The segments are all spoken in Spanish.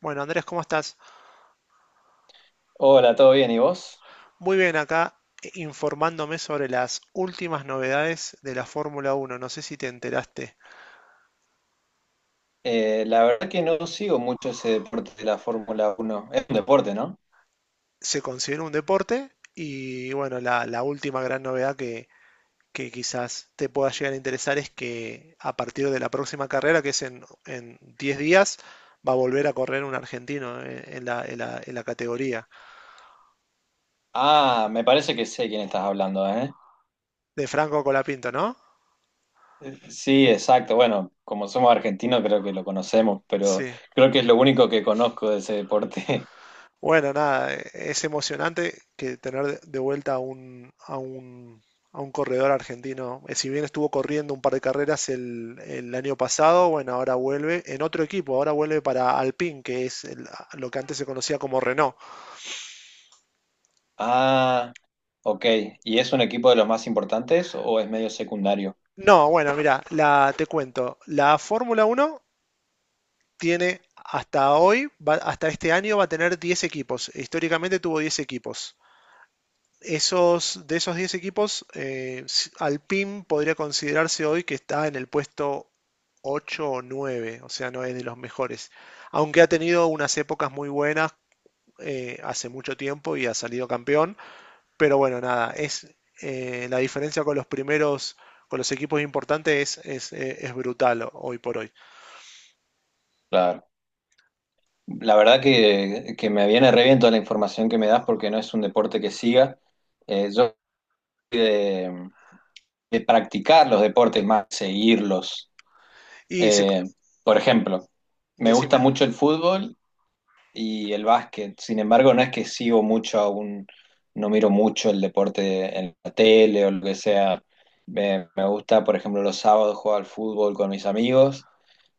Bueno, Andrés, ¿cómo estás? Hola, ¿todo bien? ¿Y vos? Muy bien, acá informándome sobre las últimas novedades de la Fórmula Uno. No sé si te enteraste. La verdad que no sigo mucho ese deporte de la Fórmula Uno. Es un deporte, ¿no? Se considera un deporte y bueno, la última gran novedad que quizás te pueda llegar a interesar es que a partir de la próxima carrera, que es en 10 días, va a volver a correr un argentino en la categoría Ah, me parece que sé quién estás hablando, ¿eh? de Franco Colapinto, ¿no? Sí, exacto. Bueno, como somos argentinos creo que lo conocemos, pero Sí. creo que es lo único que conozco de ese deporte. Bueno, nada, es emocionante que tener de vuelta a un, a un, a un corredor argentino. Si bien estuvo corriendo un par de carreras el año pasado, bueno, ahora vuelve en otro equipo, ahora vuelve para Alpine, que es lo que antes se conocía como Renault. Ah, ok. ¿Y es un equipo de los más importantes o es medio secundario? No, bueno, mira, te cuento, la Fórmula Uno tiene hasta hoy, hasta este año va a tener 10 equipos. Históricamente tuvo 10 equipos. De esos 10 equipos, Alpine podría considerarse hoy que está en el puesto 8 o 9, o sea, no es de los mejores. Aunque ha tenido unas épocas muy buenas hace mucho tiempo y ha salido campeón, pero bueno, nada, es la diferencia con los primeros, con los equipos importantes es brutal hoy por hoy. Claro. La verdad que me viene re bien toda la información que me das porque no es un deporte que siga. Yo soy de, practicar los deportes más que seguirlos. Y se, Eh, por ejemplo, me gusta decime, mucho el fútbol y el básquet. Sin embargo, no es que sigo mucho aún, no miro mucho el deporte en la tele o lo que sea. Me gusta, por ejemplo, los sábados jugar al fútbol con mis amigos,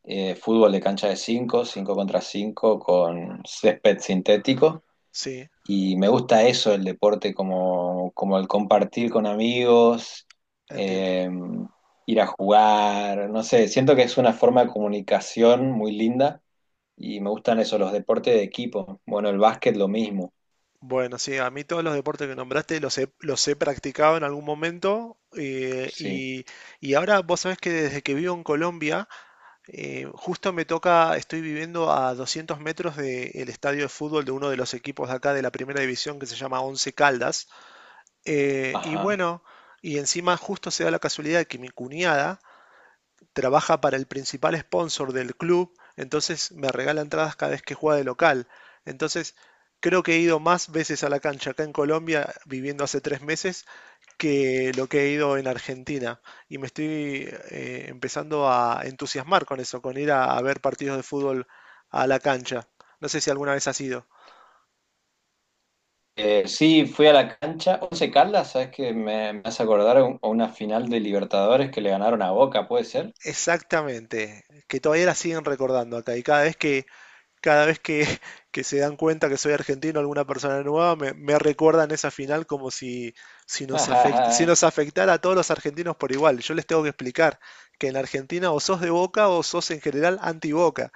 fútbol de cancha de 5, 5 contra 5 con césped sintético. sí, Y me gusta eso, el deporte, como el compartir con amigos, entiendo. eh, ir a jugar, no sé, siento que es una forma de comunicación muy linda y me gustan eso, los deportes de equipo. Bueno, el básquet lo mismo, Bueno, sí, a mí todos los deportes que nombraste los he practicado en algún momento sí, y ahora vos sabés que desde que vivo en Colombia, justo me toca, estoy viviendo a 200 metros del estadio de fútbol de uno de los equipos de acá de la primera división que se llama Once Caldas. Eh, y ajá. bueno, y encima justo se da la casualidad de que mi cuñada trabaja para el principal sponsor del club, entonces me regala entradas cada vez que juega de local. Entonces, creo que he ido más veces a la cancha acá en Colombia, viviendo hace 3 meses, que lo que he ido en Argentina. Y me estoy empezando a entusiasmar con eso, con ir a ver partidos de fútbol a la cancha. No sé si alguna vez has ido. Sí, fui a la cancha, Once Caldas, ¿sabes que me hace acordar a una final de Libertadores que le ganaron a Boca, ¿puede ser? Exactamente, que todavía la siguen recordando acá y cada vez que, que se dan cuenta que soy argentino, alguna persona nueva, me recuerdan esa final como si nos afectara a todos los argentinos por igual. Yo les tengo que explicar que en Argentina o sos de Boca o sos en general anti-Boca.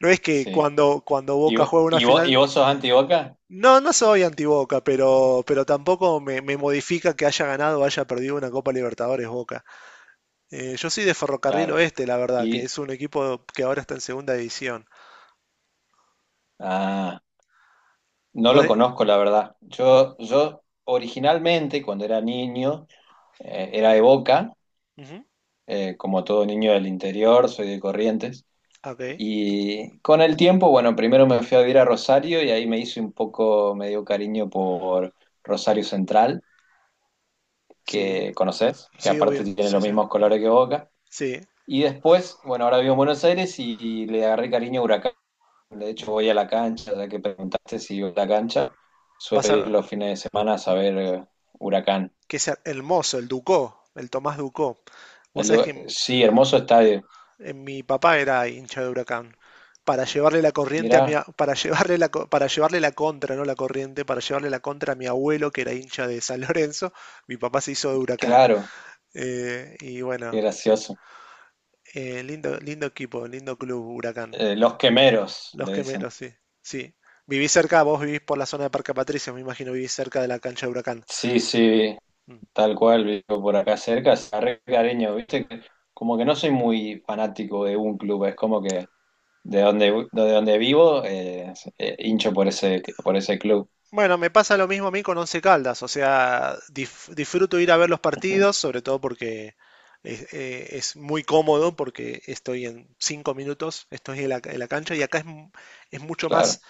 No es que Sí. cuando ¿Y, Boca juega una final... vos sos anti-Boca? No, no soy anti-Boca, pero tampoco me modifica que haya ganado o haya perdido una Copa Libertadores Boca. Yo soy de Ferrocarril Claro. Oeste, la verdad, que Y, es un equipo que ahora está en segunda división. ah. No Vos lo de- conozco, la verdad. vo- Yo originalmente, cuando era niño, era de Boca, Ujú, como todo niño del interior, soy de Corrientes. ok. Y con el tiempo, bueno, primero me fui a vivir a Rosario y ahí me hice un poco, me dio cariño por Rosario Central, Sí, que conoces, que sí, aparte obvio. tiene los Sí, sí. mismos colores que Boca. Sí. Y después, bueno, ahora vivo en Buenos Aires y, le agarré cariño a Huracán. De hecho, voy a la cancha, ya que preguntaste si voy a la cancha, Vas suelo a. ir los fines de semana a saber Huracán. Que sea el mozo, el Ducó, el Tomás Ducó. Vos sabés que Sí, hermoso estadio. en mi papá era hincha de Huracán. Para llevarle la corriente a Mirá, para llevarle para llevarle la contra, no la corriente, para llevarle la contra a mi abuelo que era hincha de San Lorenzo, mi papá se hizo de Huracán. claro, Y qué bueno, sí. gracioso. Lindo, lindo equipo, lindo club, Huracán. Los quemeros, Los le dicen. Quemeros, sí. Sí. Vivís cerca, vos vivís por la zona de Parque Patricios, me imagino vivís cerca de la cancha de Huracán. Sí, sí, Mm. tal cual, vivo por acá cerca, se agarré cariño, viste, que como que no soy muy fanático de un club, es como que de donde, vivo, hincho por ese, club. Bueno, me pasa lo mismo a mí con Once Caldas, o sea, disfruto ir a ver los Ujú. partidos, sobre todo porque es muy cómodo, porque estoy en 5 minutos, estoy en la cancha y acá es mucho más, Claro.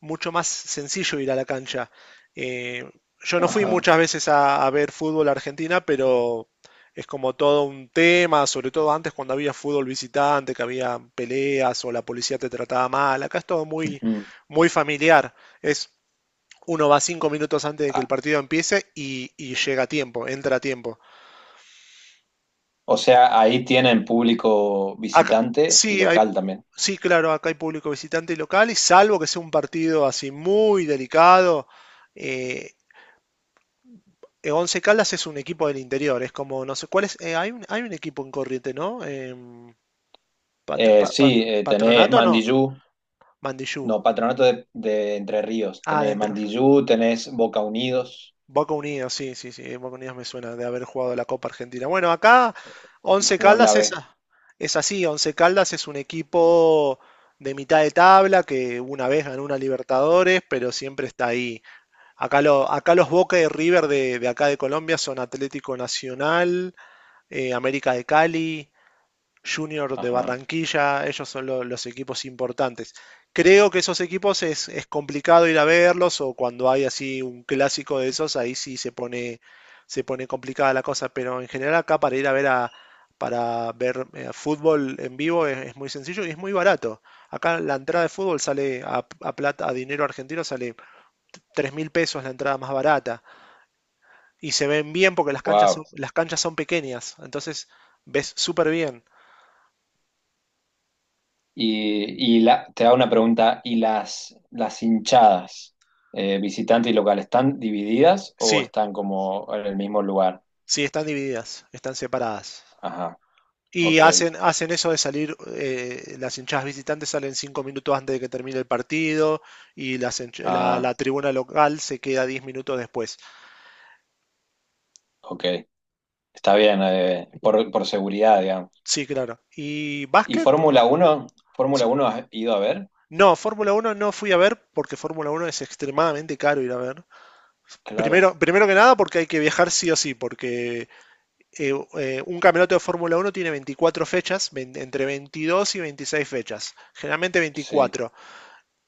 mucho más sencillo ir a la cancha. Eh, yo no fui Ajá. muchas veces a ver fútbol a Argentina, pero es como todo un tema, sobre todo antes cuando había fútbol visitante, que había peleas o la policía te trataba mal, acá es todo muy, Ujú. muy familiar. Es Uno va 5 minutos antes de que el partido empiece y llega a tiempo, entra a tiempo. O sea, ahí tienen público Acá, visitante y sí, hay, local también. sí, claro, acá hay público visitante y local, y salvo que sea un partido así muy delicado, eh, Once Caldas es un equipo del interior, es como, no sé, ¿cuál es? Hay un equipo en corriente, ¿no? Pat, pat, pat, Sí, tenés ¿Patronato no? Mandiyú, Mandillú. no, Patronato de, Entre Ríos. Ah, Tenés adentro. Mandiyú, tenés Boca Unidos Boca Unidos, sí, sí, sí, Boca Unidos me suena de haber jugado la Copa Argentina. Bueno, acá eh, y Once jugó en la Caldas B. Es así, Once Caldas es un equipo de mitad de tabla que una vez ganó una Libertadores, pero siempre está ahí. Acá, acá los Boca y River de acá de Colombia son Atlético Nacional, América de Cali, Junior de Ajá, Barranquilla, ellos son los equipos importantes. Creo que esos equipos es complicado ir a verlos o cuando hay así un clásico de esos, ahí sí se pone complicada la cosa, pero en general acá para ir a ver a, para ver fútbol en vivo es muy sencillo y es muy barato. Acá la entrada de fútbol sale a plata, a dinero argentino sale 3.000 pesos la entrada más barata y se ven bien porque las canchas wow. son, las canchas son pequeñas, entonces ves súper bien. Y la, te hago una pregunta, ¿y las, hinchadas, visitante y local, están divididas o Sí, están como en el mismo lugar? sí, están divididas, están separadas. Ajá, Y ok. hacen eso de salir, las hinchadas visitantes salen 5 minutos antes de que termine el partido y las hinch- la, Ah, la tribuna local se queda 10 minutos después. ok. Está bien, por, seguridad, digamos. Sí, claro. ¿Y ¿Y básquet? Fórmula uno? Sí. ¿Fórmula uno has ido a ver? No, Fórmula Uno no fui a ver porque Fórmula Uno es extremadamente caro ir a ver. Claro, Primero que nada porque hay que viajar sí o sí, porque un campeonato de Fórmula Uno tiene 24 fechas, entre 22 y 26 fechas, generalmente sí, 24.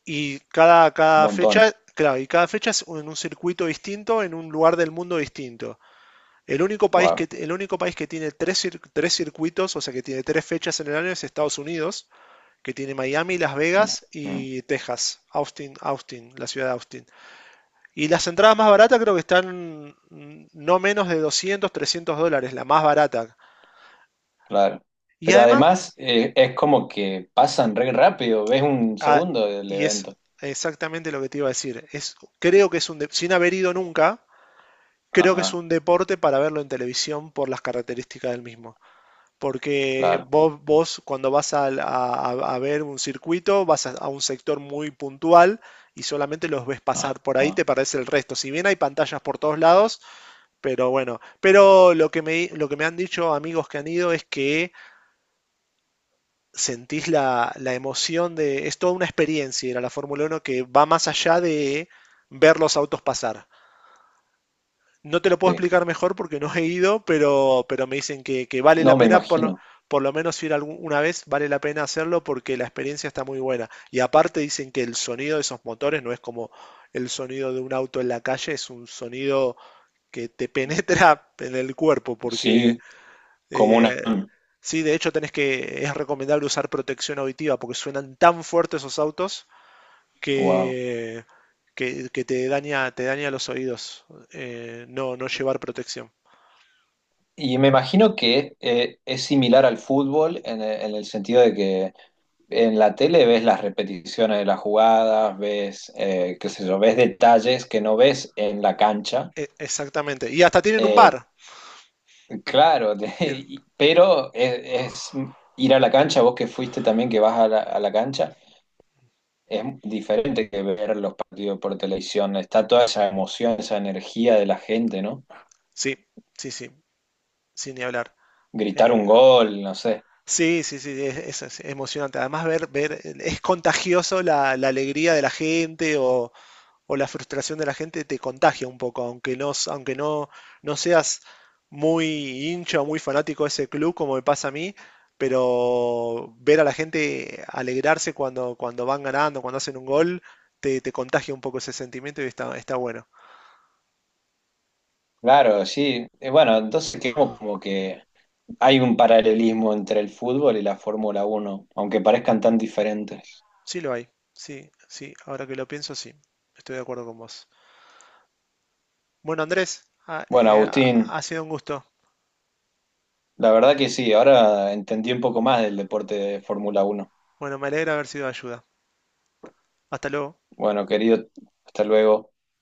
Y cada, un cada montón. fecha, claro, y cada fecha es en un circuito distinto, en un lugar del mundo distinto. Wow. El único país que tiene tres circuitos, o sea, que tiene tres fechas en el año es Estados Unidos, que tiene Miami, Las Vegas y Texas, Austin, la ciudad de Austin. Y las entradas más baratas creo que están no menos de 200 $300, la más barata. Claro. Y Pero además, además es como que pasan re rápido, ves un ah, segundo del y es evento. exactamente lo que te iba a decir, creo que sin haber ido nunca, creo que es Ajá, un deporte para verlo en televisión por las características del mismo. Porque claro. vos cuando vas a ver un circuito, vas a un sector muy puntual y solamente los ves Ajá, pasar. Por ahí te parece el resto. Si bien hay pantallas por todos lados, pero bueno. Pero lo que me han dicho amigos que han ido es que sentís la emoción de... Es toda una experiencia ir a la Fórmula Uno que va más allá de ver los autos pasar. No te lo puedo sí. explicar mejor porque no he ido, pero me dicen que vale la No me pena, imagino. por lo menos ir alguna vez, vale la pena hacerlo porque la experiencia está muy buena. Y aparte dicen que el sonido de esos motores no es como el sonido de un auto en la calle, es un sonido que te penetra en el cuerpo porque... Sí, como una... eh, Sí, de hecho es recomendable usar protección auditiva porque suenan tan fuertes esos autos Wow. que, que te daña los oídos, no, no llevar protección. Y me imagino que es similar al fútbol en el sentido de que en la tele ves las repeticiones de las jugadas, ves, qué sé yo, ves detalles que no ves en la cancha. Exactamente. Y hasta tienen un Eh, bar. claro, Tienen- pero es ir a la cancha, vos que fuiste también, que vas a la, cancha, es diferente que ver los partidos por televisión. Está toda esa emoción, esa energía de la gente, ¿no? Sí, sí, sí, sin ni hablar. Gritar Eh, un gol, no sé. sí, sí, sí, es emocionante. Además, es contagioso la alegría de la gente o la frustración de la gente te contagia un poco, aunque no, no seas muy hincha o muy fanático de ese club, como me pasa a mí, pero ver a la gente alegrarse cuando van ganando, cuando hacen un gol, te contagia un poco ese sentimiento y está bueno. Claro, sí. Bueno, entonces creo como que hay un paralelismo entre el fútbol y la Fórmula Uno, aunque parezcan tan diferentes. Sí lo hay, sí, sí, ahora que lo pienso, sí, estoy de acuerdo con vos. Bueno, Andrés, ha, Bueno, eh, ha Agustín, ha sido un gusto. la verdad que sí, ahora entendí un poco más del deporte de Fórmula Uno. Bueno, me alegra haber sido de ayuda. Hasta luego. Bueno, querido, hasta luego.